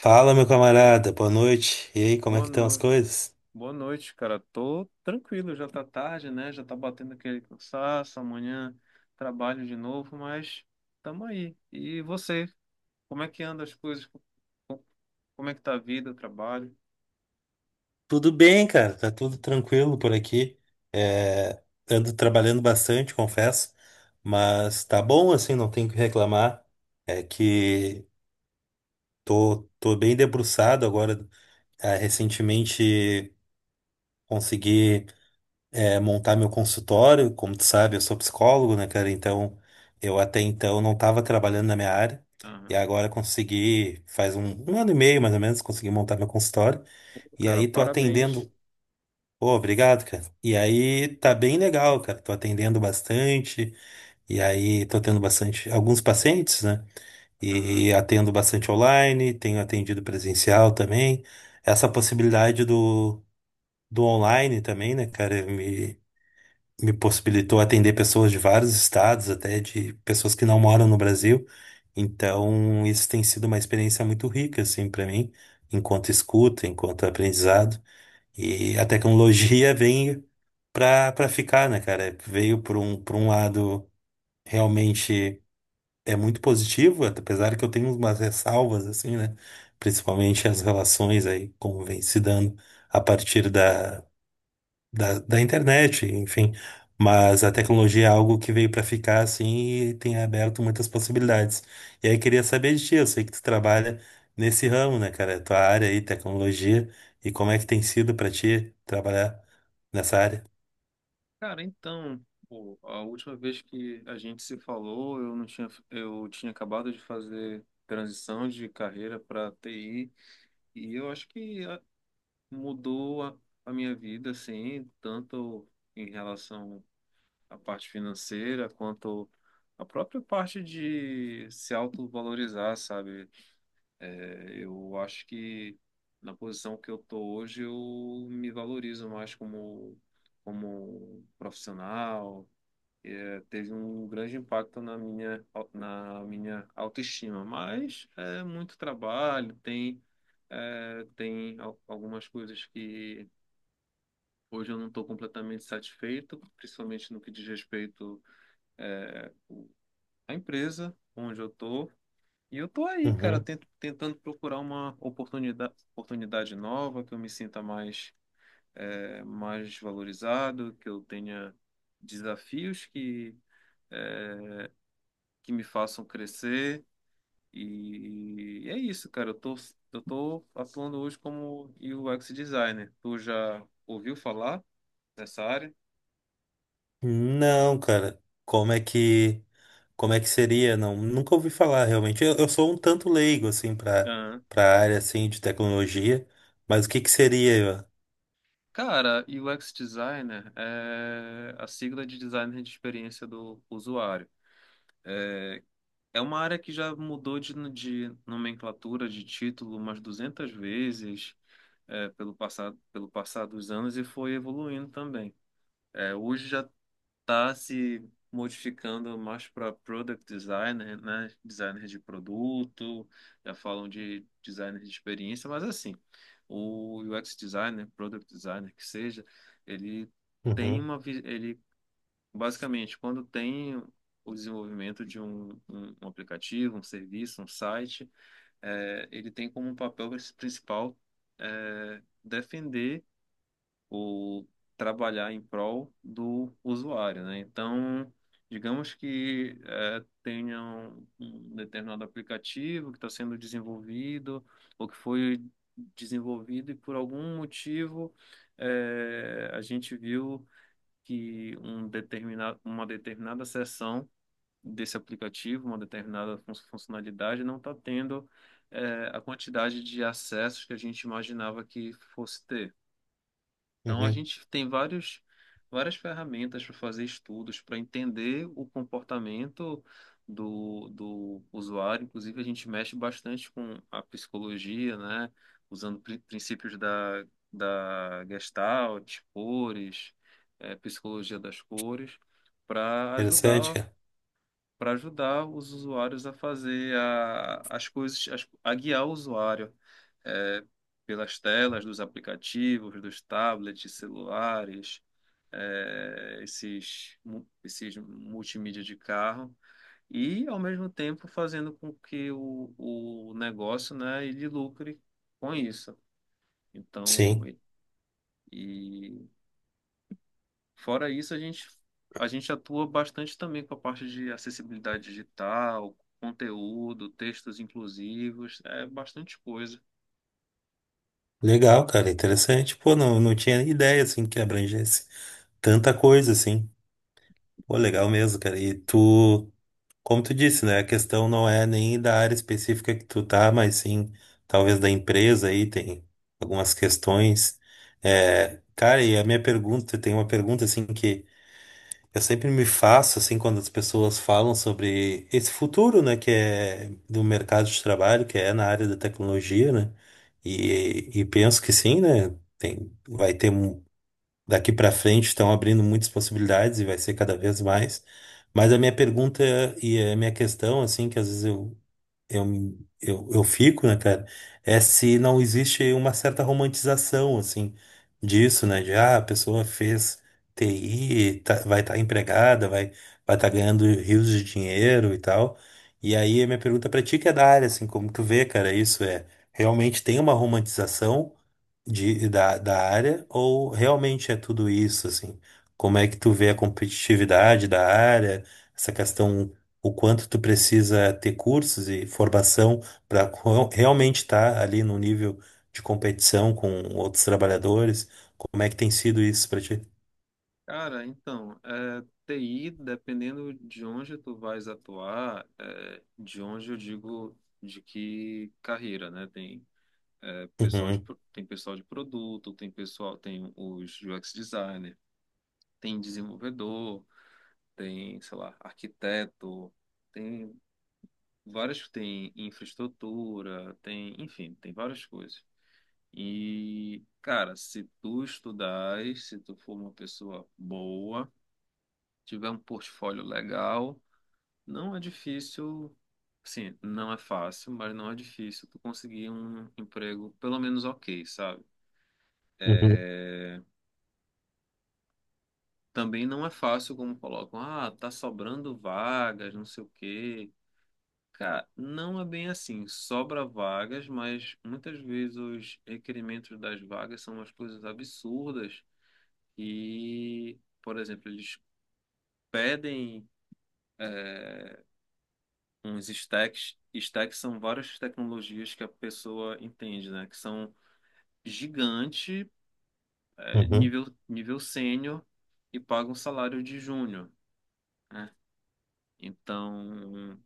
Fala, meu camarada, boa noite. E aí, como é Boa que estão as noite. coisas? Boa noite, cara. Tô tranquilo, já tá tarde, né? Já tá batendo aquele cansaço, amanhã trabalho de novo, mas tamo aí. E você, como é que anda as coisas? Co- Como é que tá a vida, o trabalho? Tudo bem, cara, tá tudo tranquilo por aqui. É, ando trabalhando bastante, confesso, mas tá bom assim, não tenho o que reclamar. É que tô bem debruçado agora. Ah, recentemente consegui. É, montar meu consultório. Como tu sabe, eu sou psicólogo, né, cara? Então, eu até então não estava trabalhando na minha área. E Aham. agora consegui, faz um ano e meio mais ou menos, consegui montar meu consultório. Pô, E cara, aí tô parabéns. atendendo. Pô, obrigado, cara. E aí tá bem legal, cara. Tô atendendo bastante. E aí tô tendo bastante, alguns pacientes, né? Aham. E atendo bastante online, tenho atendido presencial também. Essa possibilidade do online também, né, cara, me possibilitou atender pessoas de vários estados, até de pessoas que não moram no Brasil. Então, isso tem sido uma experiência muito rica, assim, para mim, enquanto escuta, enquanto aprendizado. E a tecnologia vem para ficar, né, cara? Veio por por um lado realmente é muito positivo, apesar que eu tenho umas ressalvas, assim, né? Principalmente as relações aí, como vem se dando a partir da da internet, enfim. Mas a tecnologia é algo que veio para ficar assim e tem aberto muitas possibilidades. E aí queria saber de ti, eu sei que tu trabalha nesse ramo, né, cara? Tua área aí, tecnologia, e como é que tem sido para ti trabalhar nessa área? Cara, então, pô, a última vez que a gente se falou, eu não tinha, eu tinha acabado de fazer transição de carreira para TI, e eu acho que mudou a minha vida, assim, tanto em relação à parte financeira, quanto a própria parte de se autovalorizar, sabe? É, eu acho que na posição que eu tô hoje, eu me valorizo mais como profissional. É, teve um grande impacto na na minha autoestima, mas é muito trabalho, tem. É, tem algumas coisas que, hoje, eu não estou completamente satisfeito, principalmente no que diz respeito eh, à empresa onde eu estou. E eu estou aí, cara, Uhum. Tentando procurar uma oportunidade nova, que eu me sinta mais, mais valorizado, que eu tenha desafios que me façam crescer. E é isso, cara. Eu tô atuando hoje como UX designer. Tu já ouviu falar nessa área? Não, cara. Como é que seria? Não, nunca ouvi falar realmente. Eu sou um tanto leigo assim para para área assim de tecnologia, mas o que que seria? Cara, e o UX designer é a sigla de designer de experiência do usuário. É uma área que já mudou de nomenclatura, de título umas 200 vezes, é, pelo passar dos anos, e foi evoluindo também. É, hoje já tá se modificando mais para product designer, né? Designer de produto, já falam de designer de experiência, mas assim, o UX designer, product designer que seja, ele Uhum, ele basicamente, quando tem o desenvolvimento de um aplicativo, um serviço, um site, ele tem como um papel principal, defender o trabalhar em prol do usuário, né? Então, digamos que, tenha um determinado aplicativo que está sendo desenvolvido ou que foi desenvolvido, e por algum motivo, a gente viu que uma determinada seção desse aplicativo, uma determinada funcionalidade não está tendo, a quantidade de acessos que a gente imaginava que fosse ter. Então, a uhum. gente tem várias ferramentas para fazer estudos, para entender o comportamento do usuário. Inclusive, a gente mexe bastante com a psicologia, né? Usando princípios da, da Gestalt, cores, psicologia das cores, para Interessante, ajudar cara. para ajudar os usuários a fazer as coisas, a guiar o usuário, é, pelas telas dos aplicativos, dos tablets, celulares, é, esses multimídia de carro, e, ao mesmo tempo, fazendo com que o negócio, né, ele lucre com isso. Então, Sim. e, fora isso, a gente atua bastante também com a parte de acessibilidade digital, conteúdo, textos inclusivos, é bastante coisa. Legal, cara, interessante. Pô, não, não tinha ideia, assim, que abrangesse tanta coisa, assim. Pô, legal mesmo, cara. E tu, como tu disse, né, a questão não é nem da área específica que tu tá, mas sim, talvez da empresa aí, tem algumas questões. É, cara, e a minha pergunta, tem uma pergunta, assim, que eu sempre me faço, assim, quando as pessoas falam sobre esse futuro, né, que é do mercado de trabalho, que é na área da tecnologia, né, e penso que sim, né, tem, vai ter, um- daqui para frente estão abrindo muitas possibilidades e vai ser cada vez mais, mas a minha pergunta e a minha questão, assim, que às vezes eu, eu fico, né, cara? É se não existe uma certa romantização, assim, disso, né? De, ah, a pessoa fez TI, tá- vai estar empregada, vai estar ganhando rios de dinheiro e tal. E aí, a minha pergunta pra ti, que é da área, assim, como tu vê, cara, isso é, realmente tem uma romantização de, da área ou realmente é tudo isso, assim? Como é que tu vê a competitividade da área, essa questão o quanto tu precisa ter cursos e formação para realmente estar ali no nível de competição com outros trabalhadores. Como é que tem sido isso para ti? Cara, então, é, TI, dependendo de onde tu vais atuar, é, de onde eu digo, de que carreira, né? Tem, é, Uhum, tem pessoal de produto, tem pessoal, tem os UX designer, tem desenvolvedor, tem, sei lá, arquiteto, tem várias que tem infraestrutura, tem, enfim, tem várias coisas. E, cara, se tu estudares, se tu for uma pessoa boa, tiver um portfólio legal, não é difícil, assim, não é fácil, mas não é difícil tu conseguir um emprego pelo menos ok, sabe? uhum, É, também não é fácil como colocam, ah, tá sobrando vagas, não sei o quê. Cara, não é bem assim. Sobra vagas, mas muitas vezes os requerimentos das vagas são umas coisas absurdas. E, por exemplo, eles pedem, é, uns stacks. Stacks são várias tecnologias que a pessoa entende, né? Que são gigante, é, uhum, nível sênior, e pagam salário de júnior, né? Então,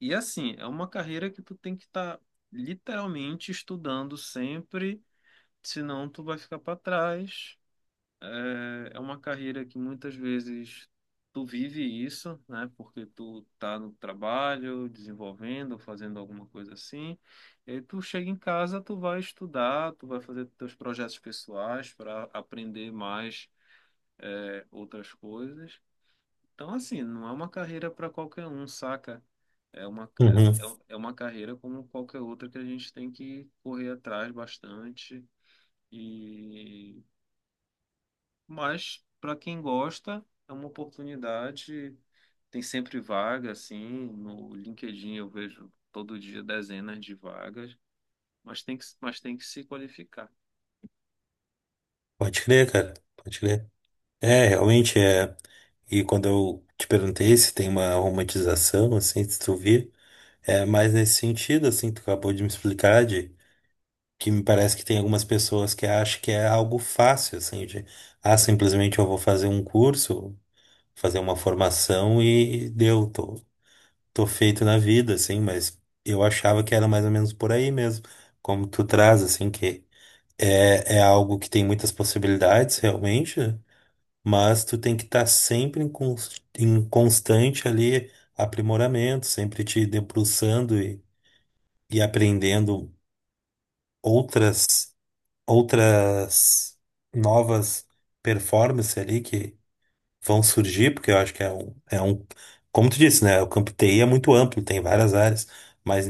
e assim, é uma carreira que tu tem que estar literalmente estudando sempre. Senão, tu vai ficar para trás. É, é uma carreira que muitas vezes tu vive isso, né? Porque tu tá no trabalho, desenvolvendo, fazendo alguma coisa assim. E aí tu chega em casa, tu vai estudar, tu vai fazer teus projetos pessoais para aprender mais, é, outras coisas. Então, assim, não é uma carreira para qualquer um, saca? Uhum. É é uma carreira como qualquer outra, que a gente tem que correr atrás bastante. E, mas para quem gosta, é uma oportunidade, tem sempre vaga, assim, no LinkedIn eu vejo todo dia dezenas de vagas, mas mas tem que se qualificar. Pode crer, cara. Pode crer. É, realmente é. E quando eu te perguntei se tem uma romantização, assim, se tu vê, é mais nesse sentido, assim, tu acabou de me explicar, de que me parece que tem algumas pessoas que acham que é algo fácil, assim, de, ah, simplesmente eu vou fazer um curso, fazer uma formação e deu, tô feito na vida, assim, mas eu achava que era mais ou menos por aí mesmo, como tu traz, assim, que é, é algo que tem muitas possibilidades realmente, mas tu tem que estar sempre em, cons- em constante ali aprimoramento, sempre te debruçando e aprendendo outras, outras novas performances ali vão surgir, porque eu acho que é um, como tu disse, né? O campo TI é muito amplo, tem várias áreas, mas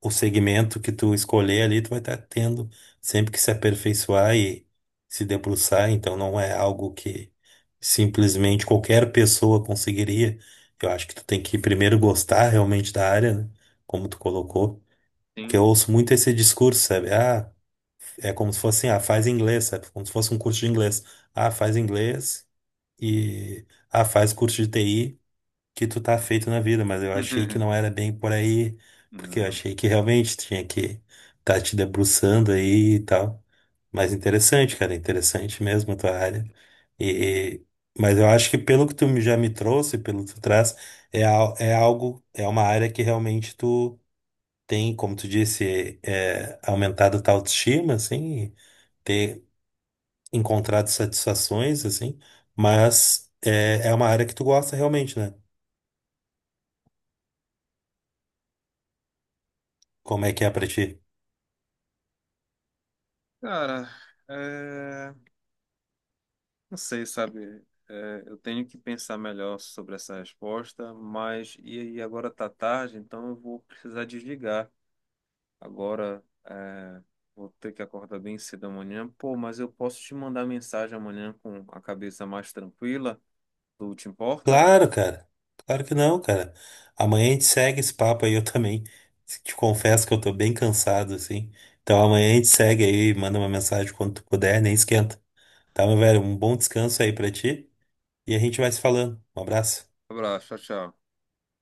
o segmento que tu escolher ali, tu vai estar tendo sempre que se aperfeiçoar e se debruçar, então não é algo que simplesmente qualquer pessoa conseguiria. Eu acho que tu tem que primeiro gostar realmente da área, né? Como tu colocou. Porque Sim. eu ouço muito esse discurso, sabe? Ah, é como se fosse assim, ah, faz inglês, sabe? Como se fosse um curso de inglês. Ah, faz inglês e ah, faz curso de TI que tu tá feito na vida, mas eu achei que não era bem por aí, porque eu Não. achei que realmente tinha que tá te debruçando aí e tal. Mas interessante, cara, interessante mesmo a tua área. E, mas eu acho que pelo que tu me- já me trouxe, pelo que tu traz, é, al- é algo, é uma área que realmente tu tem, como tu disse, é, é aumentado a tua autoestima, assim, ter encontrado satisfações, assim, mas é, é uma área que tu gosta realmente, né? Como é que é pra ti? Cara, é, não sei, sabe? É, eu tenho que pensar melhor sobre essa resposta, mas, e agora tá tarde, então eu vou precisar desligar. Agora é, vou ter que acordar bem cedo amanhã. Pô, mas eu posso te mandar mensagem amanhã com a cabeça mais tranquila? Tu te importa? Claro, cara. Claro que não, cara. Amanhã a gente segue esse papo aí, eu também. Te confesso que eu tô bem cansado, assim. Então amanhã a gente segue aí, manda uma mensagem quando tu puder, nem esquenta. Tá, meu velho? Um bom descanso aí pra ti e a gente vai se falando. Um abraço. Abraço, tchau, tchau.